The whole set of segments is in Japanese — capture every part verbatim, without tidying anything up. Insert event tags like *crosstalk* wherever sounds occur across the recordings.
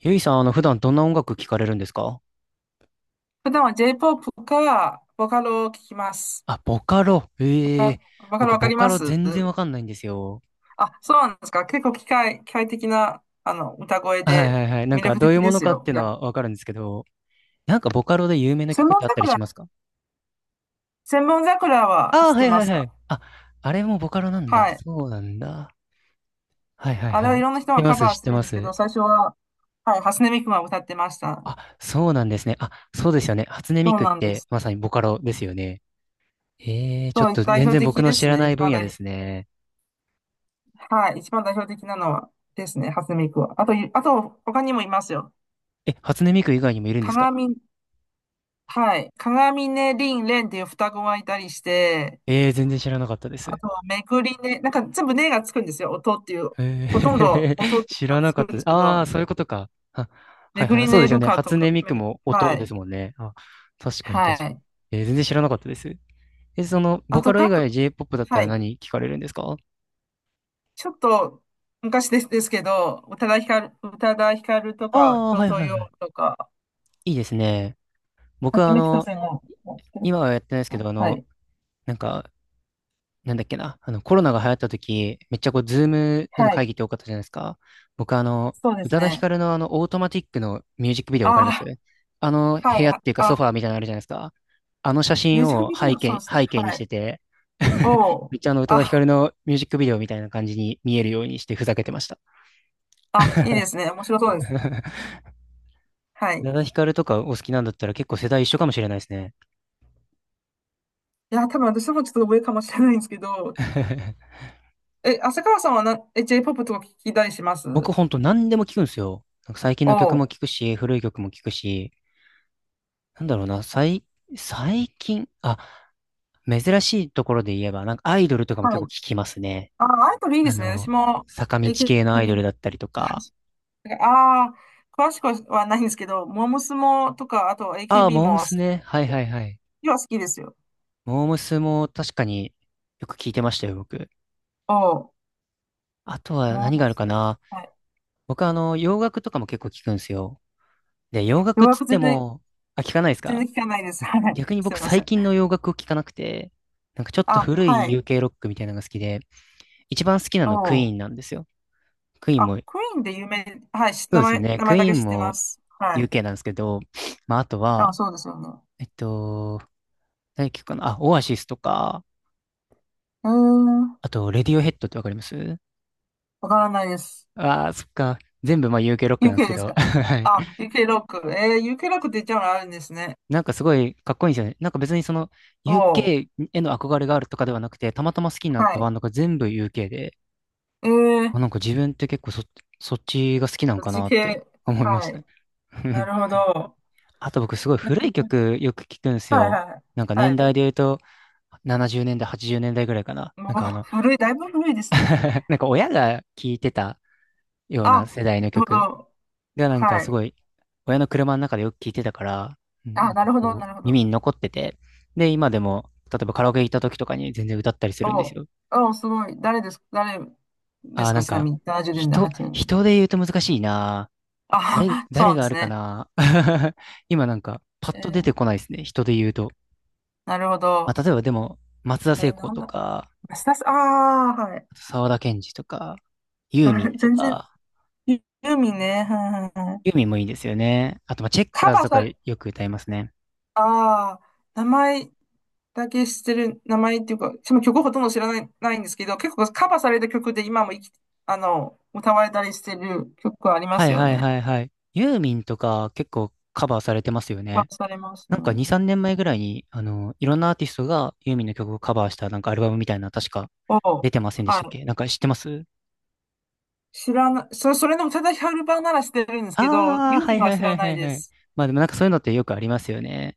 ゆいさん、あの、普段どんな音楽聴かれるんですか？普段は J-ジェイポップ か、ボカロを聞きます。あ、ボカロ。ボえカ、え。ボカロ僕、わかボりカまロす？全然わかんないんですよ。あ、そうなんですか。結構機械、機械的な、あの、歌声はいではいはい。なん魅か、力どうい的うもでのすかっよ。ていういのや、はわかるんですけど、なんか、ボカロで有名な千曲っ本てあったりし桜、ますか？千本桜はああー、知っはていまはいす？はかい。あ、あれもボカロなんだ。はい。そうなんだ。はいはいあれははい。いろん知なっ人てがまカす、バー知っしててるんまですけす。ど、最初は、はい、初音ミクが歌ってました。あ、そうなんですね。あ、そうですよね。初音ミそうクっなんでて、す。まさにボカロですよね。ええ、ちょそっとう、代全表然的僕ので知すらね。ない一分番野で代、すね。はい、一番代表的なのはですね、初音ミクは。あと、あと、他にもいますよ。え、初音ミク以外にもいるんですか？鏡、はい。鏡ね、リン、レンっていう双子がいたりして、ええ、全然知らなかったであす。とはめぐりね、なんか全部ねがつくんですよ。音っていう、ほとんどえー、音 *laughs* ってい知うのらがなつかくっんた。ですけああ、ど、そういうことか。あ、はめいぐはい。りそうねですよるね。かと初か、音ミめクぐ、もは音でい。すもんね。あ、確かには確かに。い。えー、全然知らなかったです。え、その、あボカと、ロ以かく、外 J-ピーオーピー だったはらい。何聞かれるんですか？ちょっと昔です、ですけど、宇多田ヒカル、宇多田ヒカルとか、ああー、人はいとはいはい。よとか、いいですね。僕は八あめきとの、せんの知ってる今はやってないですかけな？ど、あはの、い。なんか、なんだっけな、あの、コロナが流行った時、めっちゃこう、ズームでのはい。会議って多かったじゃないですか。僕、あの、そうで宇す多田ヒカね。ルのあの、オートマティックのミュージックビデオあわかりますあの、あ、は部屋っい。ていうかあ、ソファーみたいなのあるじゃないですか。あの写ミュー真ジックをビデ背オ、そうで景、すね。背景にはしい。てて、お *laughs* めお。っちゃあの、宇多田ヒカルあのミュージックビデオみたいな感じに見えるようにしてふざけてました。あ、いいですね。面白そうです。*laughs* はい。宇い多田ヒカルとかお好きなんだったら結構世代一緒かもしれないですね。や、多分私もちょっと上かもしれないんですけど、*laughs* え、浅川さんはな、え、J-ジェイポップ とか聞きたりします？僕ほんと何でも聞くんですよ。なんか最近の曲おもう。聞くし、古い曲も聞くし、なんだろうな、最、最近、あ、珍しいところで言えば、なんかアイドルとかもは結構い。聞きますね。あ、アイドルいいであすね。私の、も 坂道系のアイド エーケービー、ルだったりとか。ああー、詳しくはないんですけど、モームスもとか、あと ああ、エーケービー モームも好スきね。ではいすはよ。いはい。今は好きですよ。モームスも確かによく聞いてましたよ、僕。おう。あとはモ何ーがあムるス。かな。はい。僕あの、洋楽とかも結構聞くんですよ。で、洋楽よっうやつっくて全然、も、あ、聞かないです全然か？聞かないです。はい。逆にす僕みませ最ん。近の洋楽を聞かなくて、なんかちょっとあ、古はい い。ユーケー ロックみたいなのが好きで、一番好きなのクイおーンう。なんですよ。クイーンあ、も、クイーンで有名、はい、しそう名ですよ前、ね。名ク前だイーけン知ってまも す。はい。ユーケー なんですけど、まあ、あとあ、は、そうですよね。えっと、何曲かなあ、オアシスとか、うーん、あと、レディオヘッドってわかりますわからないです。ああー、そっか。全部、まあ、ユーケー ロックなんです ユーケー けですど。*laughs* か？はい。あ、ユーケー ロック。えー、ユーケー ロックって言っちゃうのあるんですね。なんかすごいかっこいいんですよね。なんか別にその、おー、ユーケー への憧れがあるとかではなくて、たまたま好きになっはたい。バンドが全部 ユーケー で、えー、あ、なんか自分って結構そ、そっちが好きなんそっかちなって系。思いましはたね。い。な *laughs* るほど。あと僕すごい古い曲よく聞くんですはいよ。はなんか年い。は代い。で言うとななじゅうねんだい、はちじゅうねんだいぐらいかな。もなんう、かあの、 古い、だいぶ古いですね。*laughs* なんか親が聞いてたようあ、なな世代のるほ曲ど。がなんかはすい。ごい、親の車の中でよく聞いてたから、うん、あ、なんなかるほど、こなうるほど。耳に残ってて、で今でも例えばカラオケ行った時とかに全然歌ったりすおるんですー、よ。おう、すごい。誰ですか？誰でああ、すなか？んちなかみに、ななじゅうねんだい、人、はちじゅうねん。人で言うと難しいな。誰、あ、*laughs* そう誰なんがであするかね。な。*laughs* 今なんかパッえと出ー、てこないですね。人で言うと。なるほまあ、ど。例えばでも、松田え聖ー、子なんとだ、か、スタス、ああ、はい。あと沢田研二とか、ユさ ーミ *laughs* ンと全然、か、ユユーミンね。はいはいはい。ユーミンもいいですよね。あと、まあ、チェッカカーバズーとさかれ、よく歌いますね。ああ、名前だけ知ってる、名前っていうか、その曲ほとんど知らない、ないんですけど、結構カバーされた曲で今も生き、あの、歌われたりしてる曲ありまはすいよはいね。はいはい。ユーミンとか結構カバーされてますよカバね。ーされますなんかに、ね。さんねんまえぐらいに、あの、いろんなアーティストがユーミンの曲をカバーしたなんかアルバムみたいな、確かおう、出てませんでしはたっい。け？なんか知ってます知らない、それ、それの宇多田ヒカル版なら知ってるんですけど、ああー、ユーはミいンははい知はらいなはいいではい。す。まあでもなんかそういうのってよくありますよね。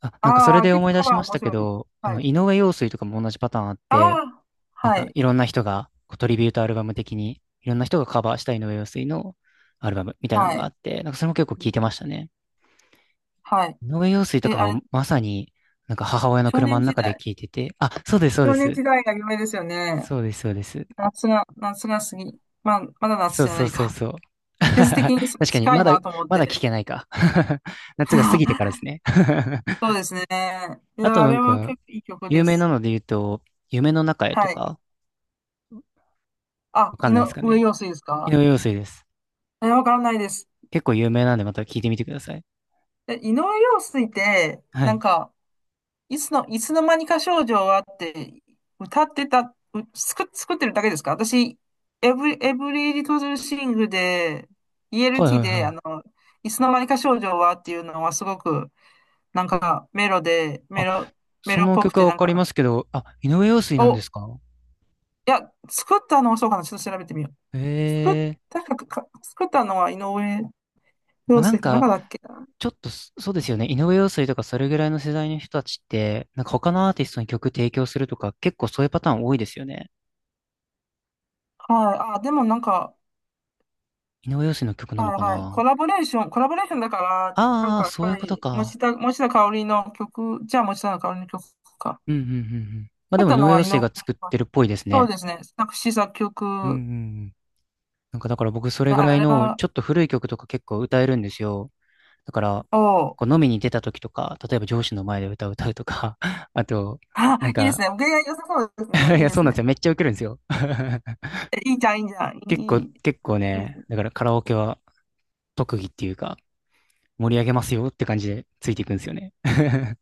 あ、なんかそれああ、で結思構い出カバしまーし面たけ白い。ど、あはの、井い。上陽水とかも同じパターンあっあて、あ、なんはかい、いろんな人が、こうトリビュートアルバム的に、いろんな人がカバーした井上陽水のアルバムみたいなはのがあい、って、なんかそれも結構聞いてましたね。はい。井上陽水とえ、かあれ、もまさに、なんか母親の少車年の時中で代。聞いてて、あ、そうです、そうで少年す。時代が夢ですよね。そうです、そうです。夏が、夏が過ぎ、まあ、まだ夏そうじゃそなういそうか。そう。*laughs* 季節的に確かに、近まいだ、なと思っまだ聞て。けないか。*laughs* 夏が過ぎてから *laughs* ですね。そ *laughs* うですね。いあとや、あなんれはか、結構いい曲有で名なす。ので言うと、夢の中へとはい。か、あ、わか井んないですか上ね。陽水です井か？上陽水です。え、わからないです。結構有名なんでまた聞いてみてください。え、井上陽水って、はなんい。か、いつの、いつの間にか少女はって、歌ってた、う作、作ってるだけですか私、エブリ、エブリリトルシングで、はいは イーエルティー いで、はあの、い。いつの間にか少女はっていうのはすごくなんか、メロで、メあ、ロ、メそロっのぽく曲て、はわなんかりまか、すけど、あ、井上陽水お、なんでいすか？や、作ったのはそうかな、ちょっと調べてみよう。作っ、ええ。確か、か作ったのは井上まあ、陽なん水ってか、中だっけな。ちょっとそそうですよね。井上陽水とかそれぐらいの世代の人たちって、なんか他のアーティストに曲提供するとか、結構そういうパターン多いですよね。はい。あ、でもなんか、井上陽水の曲なはのいかはい。コな。ラボレーション、コラボレーションだから、なんああー、かやっそういぱうことり、か。持田、持田香織の曲、じゃあ持田香織の曲か。うんうんうんうん。まあ作でっもた井の上は陽井水上。が作ってるっぽいですそうね。ですね。作詞作うんう曲、んうん。なんかだから僕それぐらあいれのは、ちょっと古い曲とか結構歌えるんですよ。だから、を、こう飲みに出た時とか、例えば上司の前で歌を歌うとか、*laughs* あと、あ、ないんいですか、ね。恋愛良さそうです *laughs* いね。いいや、でそうすなんですね。よ。めっちゃウケるんですよ。*laughs* え、いいじゃん、いいじゃん。結い構、い、いい、結構いいですね、ね。だからカラオケは特技っていうか、盛り上げますよって感じでついていくんですよね。*laughs*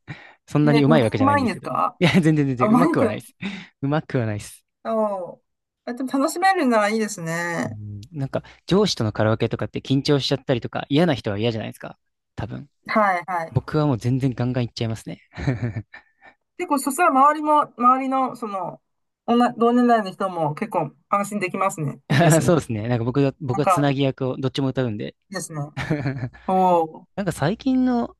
そんなえ、に上手い歌わけじうゃないまんいでんすでけすど。いか？や、全然全あ、然うま上手いくかはないら。です。上手くはないです。そう。あ、でも楽しめるならいいですうね。ん、なんか、上司とのカラオケとかって緊張しちゃったりとか、嫌な人は嫌じゃないですか。多分。はい、はい。僕はもう全然ガンガンいっちゃいますね。*laughs* 結構、そしたら周りも、周りの、その、女同年代の人も結構安心できますね。いいで *laughs* すそうね。ですね。なんか僕が、僕なんがつなか、ぎ役をどっちも歌うんで。いいですね。*laughs* おお。なんか最近の、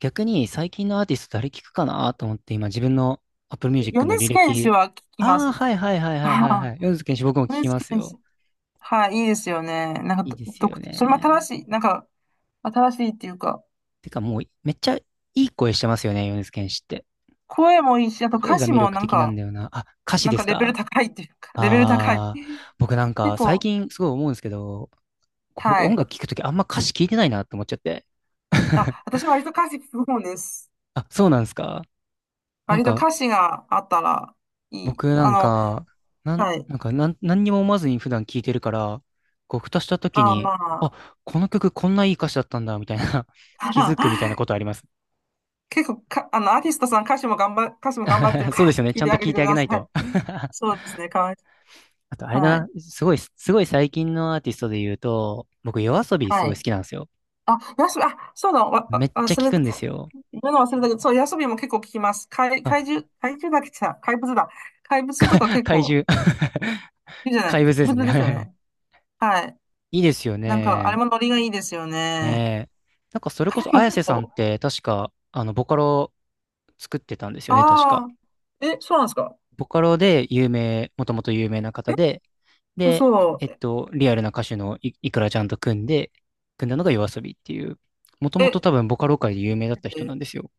逆に最近のアーティスト誰聞くかなと思って今自分の Apple よ、 Music の米履津玄師歴。は聞きまああ、す。はいはいはい *laughs* はいあはいはあ、い。米津玄師僕も聞米き津ます玄よ。師。はい、いいですよね。なんいか、いでど、すど、よそれも新ね。しい、なんか、新しいっていうか、てかもうめっちゃいい声してますよね、米津玄師って。声もいいし、あと声歌が詞魅も力なん的なんか、だよな。あ、歌詞なんでかすレベルか？高いっていうか、*laughs* レベル高い。ああー、僕なん結か最構、近すごい思うんですけど、僕は音い。楽聞くときあんま歌詞聞いてないなって思っちゃって。*laughs* あ、私割と歌詞聞く方です。あ、そうなんですか？なん割とか、歌詞があったらいい。僕なあんの、か、なん、はい。なんか、なん、何にも思わずに普段聴いてるから、こう、ふとした時あ、に、まあ、あ。この曲こんないい歌詞だったんだ、みたいな、*laughs* 気づくみたい *laughs* なことあります。結構か、あの、アーティストさん歌詞も頑張、歌詞も頑張ってる *laughs* かそうでらすよね。聞ちいゃんてとあげ聴ていてくあげだないさと。い。*laughs* そうですね、かわいそあと、あれう。だはな。い。すごい、すごい最近のアーティストで言うと、僕、夜遊びすはごいい。好きなんですよ。あ、ヤスビ、あ、そうだ、わ、めわっちゃ忘聴れくて、んですよ。言うの忘れたけど、そう、ヤスビも結構聞きます。怪、あ、怪獣、怪獣だっけ？さ、怪物だ。怪物とか結怪構、獣。*laughs* いいじゃない。怪怪物です物ですよね。ね。はい。*laughs* いいですよなんか、あれね。もノリがいいですよね。ねえ。なんか、それこそ、でも綾結瀬さんっ構、て、確か、あの、ボカロ作ってたんですよね、確あか。あ、え、そうなんですか。ボカロで有名、もともと有名なえ、方で、で、えっ嘘。と、リアルな歌手のい、いくらちゃんと組んで、組んだのが夜遊びっていう、もともとえ、多分ボカロ界で有名だった人なえ、んですよ、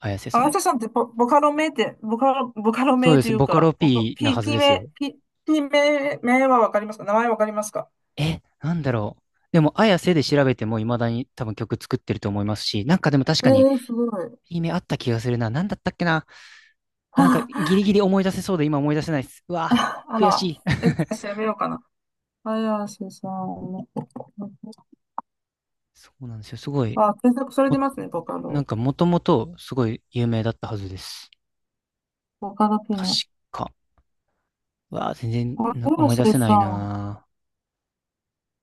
綾瀬あさやん。ささんってボ、ボカロ名って、ボカロ、ボカロそう名でとす、いうボカロ か、ボカ、P な P、はず P です名、よ。P、P 名、名はわかりますか？名前わかりますか？え、なんだろう。でも、綾瀬で調べても未だに多分曲作ってると思いますし、なんかでも確えかに、ー、すごい。いい目あった気がするな。なんだったっけな。あ、なんか、ギ *laughs* リギリ思い出せそうで今思い出せないです。うわ、ああ悔しら、い。えっ *laughs* と、調べようかな。綾瀬さん。そうなんですよ。すごい、あ、検索されも、てますね、ボカなんロ。かもともとすごい有名だったはずです。ボカロピ確ノ。か。わあ、全然あ、な綾思い出瀬せなさいん。なあ。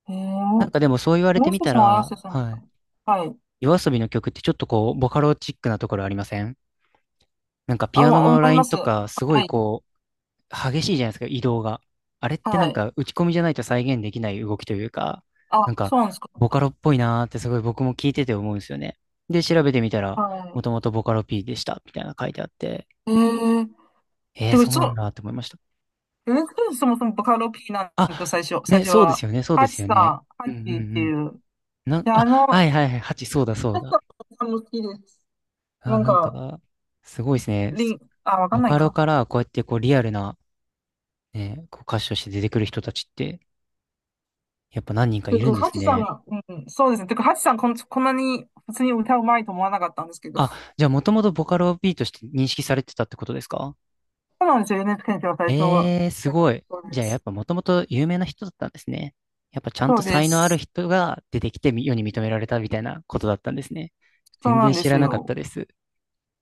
えなんー、かでもそう言われて綾み瀬たさんは綾ら、瀬さんはか。い。はい。夜遊びの曲ってちょっとこう、ボカロチックなところありません？なんかピあ、アノ思のラいイまンす。とはか、すごいい。こう、激しいじゃないですか、移動が。あれってなはんい。か打ち込みじゃないと再現できない動きというか、なんあ、か、そうなんですか。ボカロっぽいなーってすごい僕も聞いてて思うんですよね。で、調べてみたら、もはともとボカロ P でした、みたいなの書いてあって、い。えー、えー、でも、そうなそんだってう、思いました。えー、そもそもボカロ P なんあ、ですよ、最初、最ね、初そうでは。すよね、そうでハチすよさん、ね。うハんうんうチってん。いう。なん、で、あ、あはの、いはいはい、はち、そうだそうハだ。チさんも好きです。なあ、んなんか、か、すごいですね。リす、ン、あ、わかボんないカロか。からこうやってこうリアルな、ね、こう歌手として出てくる人たちって、やっぱ何人かているか、んでハすチさんね。が、うん、そうですね。てか、ハチさんこん、こんなに普通に歌うまいと思わなかったんですけど。あ、そじゃあもともとボカロ B として認識されてたってことですか？うなんですよ。エヌエイチケー の最初は。えー、すごい。そうじでゃあやっす。ぱもともと有名な人だったんですね。やっぱちゃんそとうで才能あるす。人が出てきてみ世に認められたみたいなことだったんですね。そう全な然んで知すらなかっよ。たです。